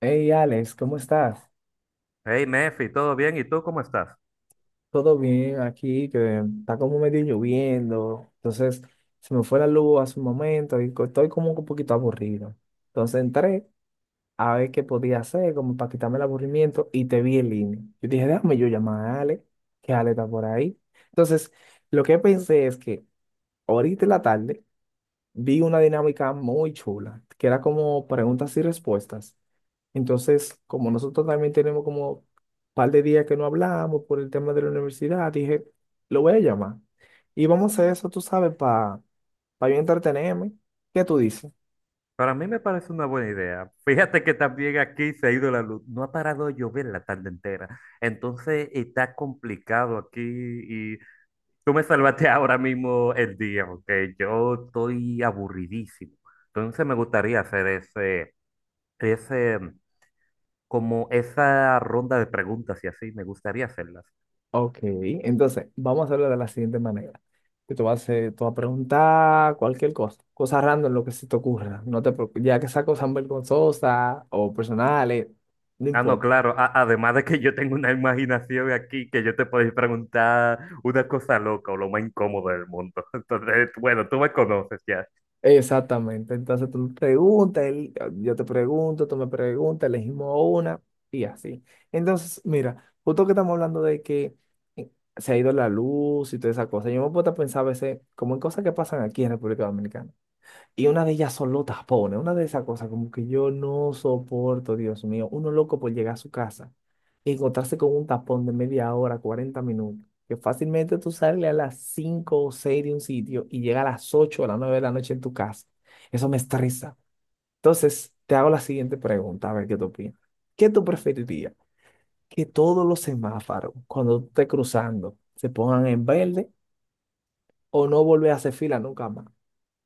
Hey Alex, ¿cómo estás? Hey, Mefi, ¿todo bien? ¿Y tú cómo estás? ¿Todo bien aquí? Que está como medio lloviendo. Entonces, se me fue la luz hace un momento y estoy como un poquito aburrido. Entonces entré a ver qué podía hacer, como para quitarme el aburrimiento, y te vi en línea. Yo dije, déjame yo llamar a Alex, que Alex está por ahí. Entonces, lo que pensé es que ahorita en la tarde vi una dinámica muy chula, que era como preguntas y respuestas. Entonces, como nosotros también tenemos como un par de días que no hablamos por el tema de la universidad, dije, lo voy a llamar. Y vamos a hacer eso, tú sabes, para pa yo entretenerme. ¿Qué tú dices? Para mí me parece una buena idea. Fíjate que también aquí se ha ido la luz. No ha parado de llover la tarde entera. Entonces está complicado aquí y tú me salvaste ahora mismo el día, porque yo estoy aburridísimo. Entonces me gustaría hacer ese, como esa ronda de preguntas y así, me gustaría hacerlas. Ok, entonces vamos a hacerlo de la siguiente manera. Que tú tú vas a preguntar cualquier cosa, cosa random, lo que se te ocurra. No te preocupes, ya que sea cosas vergonzosas o personales, no Ah, no, importa. claro. Además de que yo tengo una imaginación aquí que yo te podéis preguntar una cosa loca o lo más incómodo del mundo. Entonces, bueno, tú me conoces ya. Exactamente. Entonces tú preguntas, yo te pregunto, tú me preguntas, elegimos una y así. Entonces, mira, justo que estamos hablando de que eh, se ha ido la luz y toda esa cosa, yo me puedo a pensar a veces como en cosas que pasan aquí en República Dominicana. Y una de ellas son los tapones, una de esas cosas como que yo no soporto, Dios mío, uno loco por llegar a su casa y encontrarse con un tapón de media hora, 40 minutos, que fácilmente tú sales a las 5 o 6 de un sitio y llegas a las 8 o las 9 de la noche en tu casa. Eso me estresa. Entonces, te hago la siguiente pregunta, a ver qué tú opinas. ¿Qué tú preferirías? ¿Que todos los semáforos, cuando tú estés cruzando, se pongan en verde o no volver a hacer fila nunca más?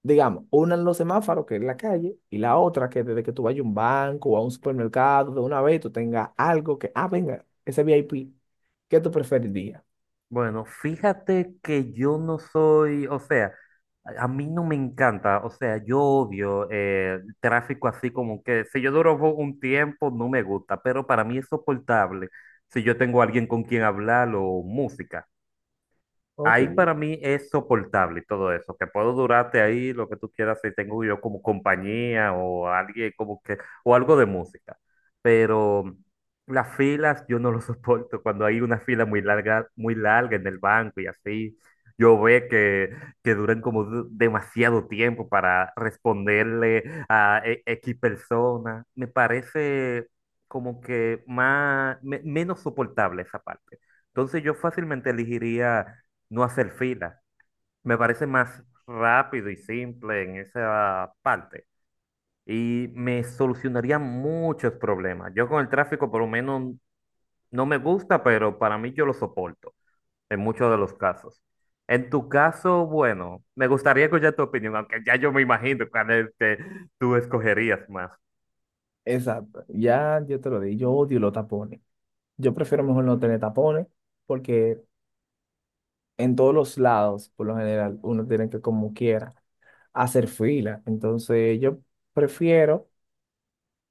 Digamos, una en los semáforos, que es la calle, y la otra que desde que tú vayas a un banco o a un supermercado, de una vez tú tengas algo que, ah, venga, ese VIP. ¿Qué tú preferirías? Bueno, fíjate que yo no soy, o sea, a mí no me encanta, o sea, yo odio el tráfico así como que si yo duro un tiempo no me gusta, pero para mí es soportable si yo tengo a alguien con quien hablar o música. Ahí Ok. para mí es soportable todo eso, que puedo durarte ahí lo que tú quieras si tengo yo como compañía o alguien como que, o algo de música. Pero las filas yo no lo soporto cuando hay una fila muy larga en el banco y así. Yo veo que duran como demasiado tiempo para responderle a X persona. Me parece como que más, menos soportable esa parte. Entonces yo fácilmente elegiría no hacer fila. Me parece más rápido y simple en esa parte y me solucionaría muchos problemas. Yo con el tráfico por lo menos no me gusta, pero para mí yo lo soporto en muchos de los casos. En tu caso, bueno, me gustaría escuchar tu opinión, aunque ya yo me imagino cuál es que tú escogerías más. Exacto, ya yo te lo di, yo odio los tapones. Yo prefiero mejor no tener tapones porque en todos los lados, por lo general, uno tiene que como quiera hacer fila. Entonces yo prefiero,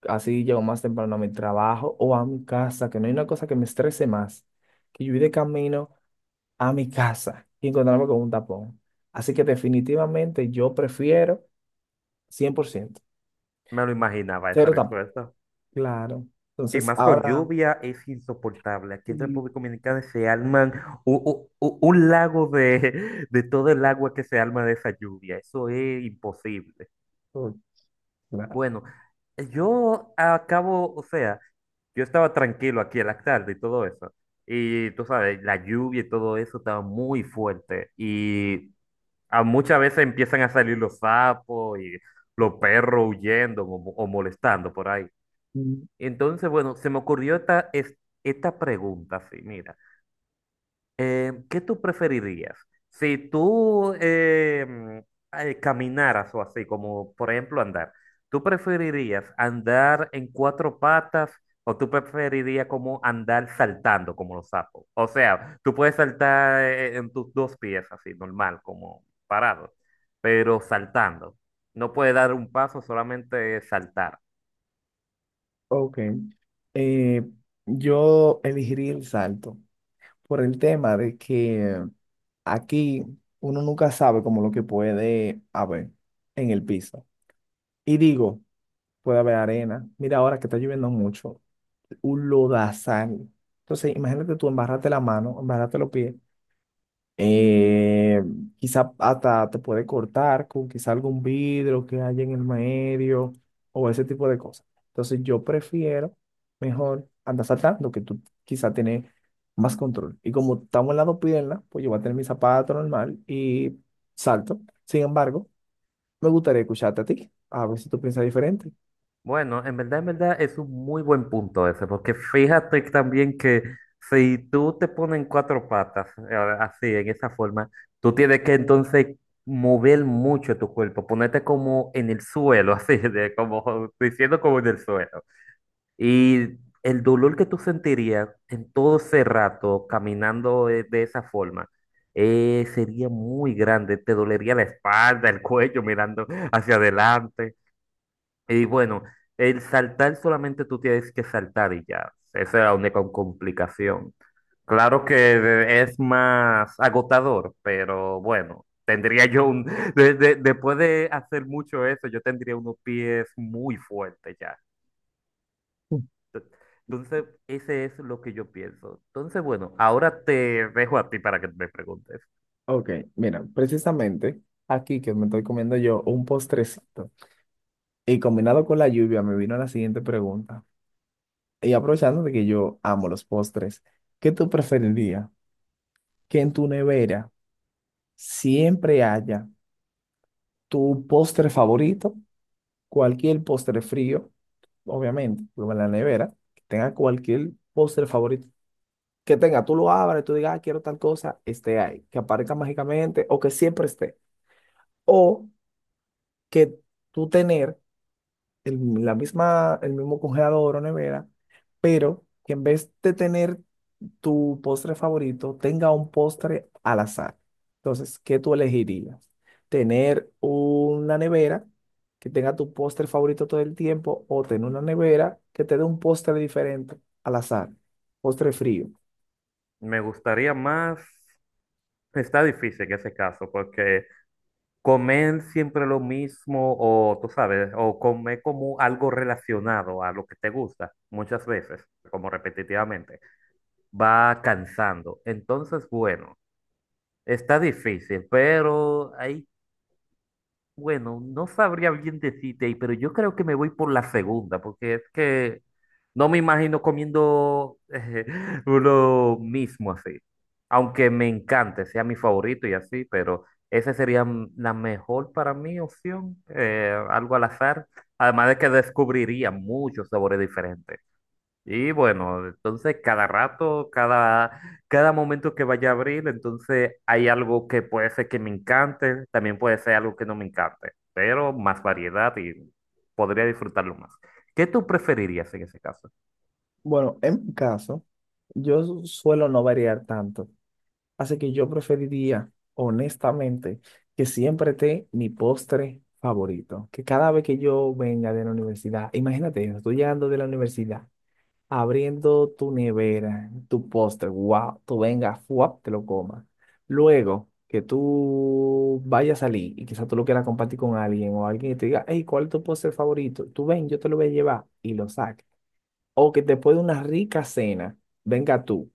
así llego más temprano a mi trabajo o a mi casa, que no hay una cosa que me estrese más, que yo ir de camino a mi casa y encontrarme con un tapón. Así que definitivamente yo prefiero 100% Me lo imaginaba esa cero tapón. respuesta. Claro. Y Entonces, más con ahora. lluvia es insoportable. Aquí en Mm. República Dominicana se alman un, lago de todo el agua que se alma de esa lluvia. Eso es imposible. Oh, claro. Bueno, yo acabo, o sea, yo estaba tranquilo aquí en la tarde y todo eso. Y tú sabes, la lluvia y todo eso estaba muy fuerte. Y a muchas veces empiezan a salir los sapos y los perros huyendo o o molestando por ahí. Mm. Entonces, bueno, se me ocurrió esta pregunta, sí, mira, ¿qué tú preferirías? Si tú caminaras o así, como por ejemplo andar, ¿tú preferirías andar en cuatro patas o tú preferirías como andar saltando como los sapos? O sea, tú puedes saltar en tus dos pies así, normal, como parado, pero saltando. No puedes dar un paso, solamente saltar. Ok. Eh, yo elegiría el salto por el tema de que aquí uno nunca sabe como lo que puede haber en el piso. Y digo, puede haber arena. Mira ahora que está lloviendo mucho, un lodazal. Entonces, imagínate tú embarrarte la mano, embarrarte los pies. Eh, quizá hasta te puede cortar con quizá algún vidrio que haya en el medio o ese tipo de cosas. Entonces yo prefiero mejor andar saltando, que tú quizá tienes más control. Y como estamos en la dos piernas, pues yo voy a tener mi zapato normal y salto. Sin embargo, me gustaría escucharte a ti, a ver si tú piensas diferente. Bueno, en verdad es un muy buen punto ese, porque fíjate también que si tú te pones en cuatro patas, así, en esa forma, tú tienes que entonces mover mucho tu cuerpo, ponerte como en el suelo, así, de como diciendo como en el suelo. Y el dolor que tú sentirías en todo ese rato caminando de esa forma. Sería muy grande, te dolería la espalda, el cuello mirando hacia adelante. Y bueno, el saltar solamente tú tienes que saltar y ya. Esa es la única complicación. Claro que es más agotador, pero bueno, tendría yo un... después de hacer mucho eso, yo tendría unos pies muy fuertes ya. Mm. Entonces, ese es lo que yo pienso. Entonces, bueno, ahora te dejo a ti para que me preguntes. Ok, mira, precisamente aquí que me estoy comiendo yo un postrecito y combinado con la lluvia me vino la siguiente pregunta. Y aprovechando de que yo amo los postres, ¿qué tú preferirías? Que en tu nevera siempre haya tu postre favorito, cualquier postre frío, obviamente, como en la nevera, que tenga cualquier postre favorito que tenga, tú lo abres, tú digas, "Ah, quiero tal cosa, esté ahí, que aparezca mágicamente o que siempre esté". O que tú tener el, la misma, el mismo congelador o nevera, pero que en vez de tener tu postre favorito tenga un postre al azar. Entonces, ¿qué tú elegirías? ¿Tener una nevera que tenga tu postre favorito todo el tiempo o tener una nevera que te dé un postre diferente al azar? Postre frío. Me gustaría más... Está difícil en ese caso, porque comer siempre lo mismo o tú sabes, o comer como algo relacionado a lo que te gusta muchas veces, como repetitivamente, va cansando. Entonces, bueno, está difícil, pero no sabría bien decirte, pero yo creo que me voy por la segunda, porque es que no me imagino comiendo uno mismo así. Aunque me encante, sea mi favorito y así, pero esa sería la mejor para mí opción, algo al azar. Además de que descubriría muchos sabores diferentes. Y bueno, entonces cada momento que vaya a abrir, entonces hay algo que puede ser que me encante, también puede ser algo que no me encante, pero más variedad y podría disfrutarlo más. ¿Qué tú preferirías en ese caso? Bueno, en mi caso, yo suelo no variar tanto, así que yo preferiría, honestamente, que siempre esté mi postre favorito, que cada vez que yo venga de la universidad, imagínate, yo estoy llegando de la universidad abriendo tu nevera, tu postre, wow, tú vengas, fuap, te lo comas. Luego que tú vayas a salir y quizás tú lo quieras compartir con alguien o alguien que te diga, hey, ¿cuál es tu postre favorito? Tú ven, yo te lo voy a llevar y lo saques. O que después de una rica cena, venga tú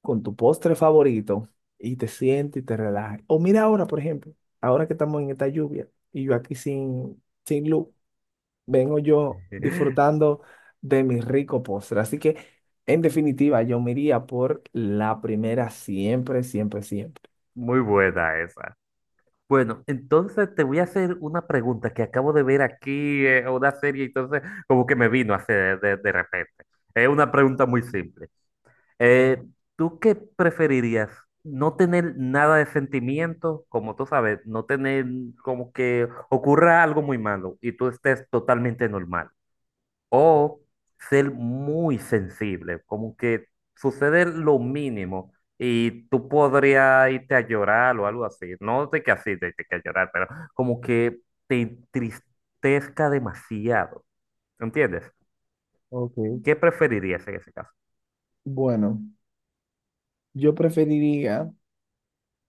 con tu postre favorito y te sientes y te relajes. O mira ahora, por ejemplo, ahora que estamos en esta lluvia y yo aquí sin luz vengo yo disfrutando de mi rico postre. Así que, en definitiva, yo me iría por la primera, siempre, siempre, siempre. Muy buena esa. Bueno, entonces te voy a hacer una pregunta que acabo de ver aquí, una serie, entonces como que me vino a hacer de repente. Es una pregunta muy simple. Eh, ¿Tú qué preferirías? No tener nada de sentimiento, como tú sabes, no tener como que ocurra algo muy malo y tú estés totalmente normal. O ser muy sensible, como que sucede lo mínimo y tú podrías irte a llorar o algo así. No de que así, de que a llorar, pero como que te entristezca demasiado. ¿Entiendes? Ok, ¿Qué preferirías en ese caso? bueno, yo preferiría,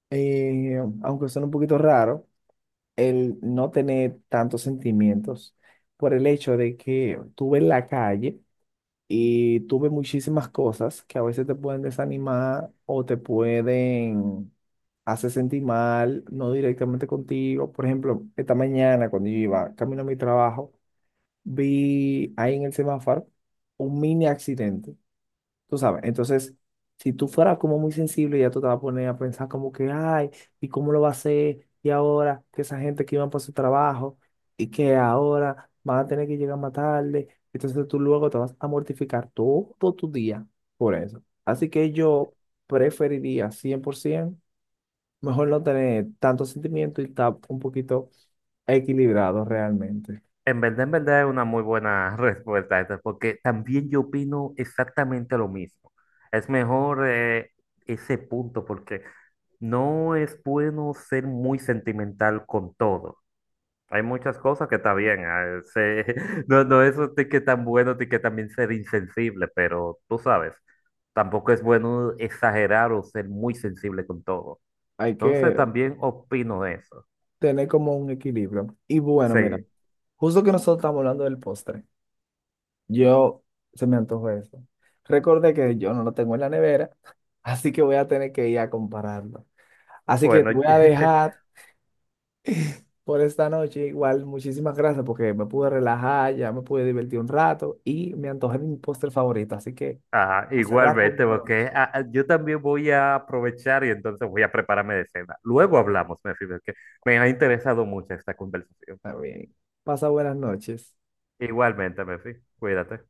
aunque suene un poquito raro, el no tener tantos sentimientos por el hecho de que tú ves la calle. Y tuve muchísimas cosas que a veces te pueden desanimar o te pueden hacer sentir mal, no directamente contigo. Por ejemplo, esta mañana cuando yo iba camino a mi trabajo, vi ahí en el semáforo un mini accidente. Tú sabes, entonces, si tú fueras como muy sensible, ya tú te vas a poner a pensar como que, ay, ¿y cómo lo va a hacer? Y ahora que esa gente que iban por su trabajo y que ahora van a tener que llegar más tarde, entonces tú luego te vas a mortificar todo tu día por eso. Así que yo preferiría 100%, mejor no tener tanto sentimiento y estar un poquito equilibrado realmente. En verdad es una muy buena respuesta esa, porque también yo opino exactamente lo mismo. Es mejor ese punto porque no es bueno ser muy sentimental con todo. Hay muchas cosas que está bien, no, no es de que tan bueno, de que también ser insensible, pero tú sabes, tampoco es bueno exagerar o ser muy sensible con todo. Hay Entonces que también opino eso. tener como un equilibrio. Y bueno, mira, Sí, justo que nosotros estamos hablando del postre. Yo se me antojó eso. Recordé que yo no lo tengo en la nevera, así que voy a tener que ir a compararlo. Así que bueno. te voy a dejar por esta noche. Igual, muchísimas gracias porque me pude relajar, ya me pude divertir un rato y me antojé de mi postre favorito. Así que Ah, a cerrar igualmente, con broche. porque yo también voy a aprovechar y entonces voy a prepararme de cena. Luego hablamos, Mefi, porque me ha interesado mucho esta conversación. Está bien. Pasa buenas noches. Igualmente, Mefi, cuídate.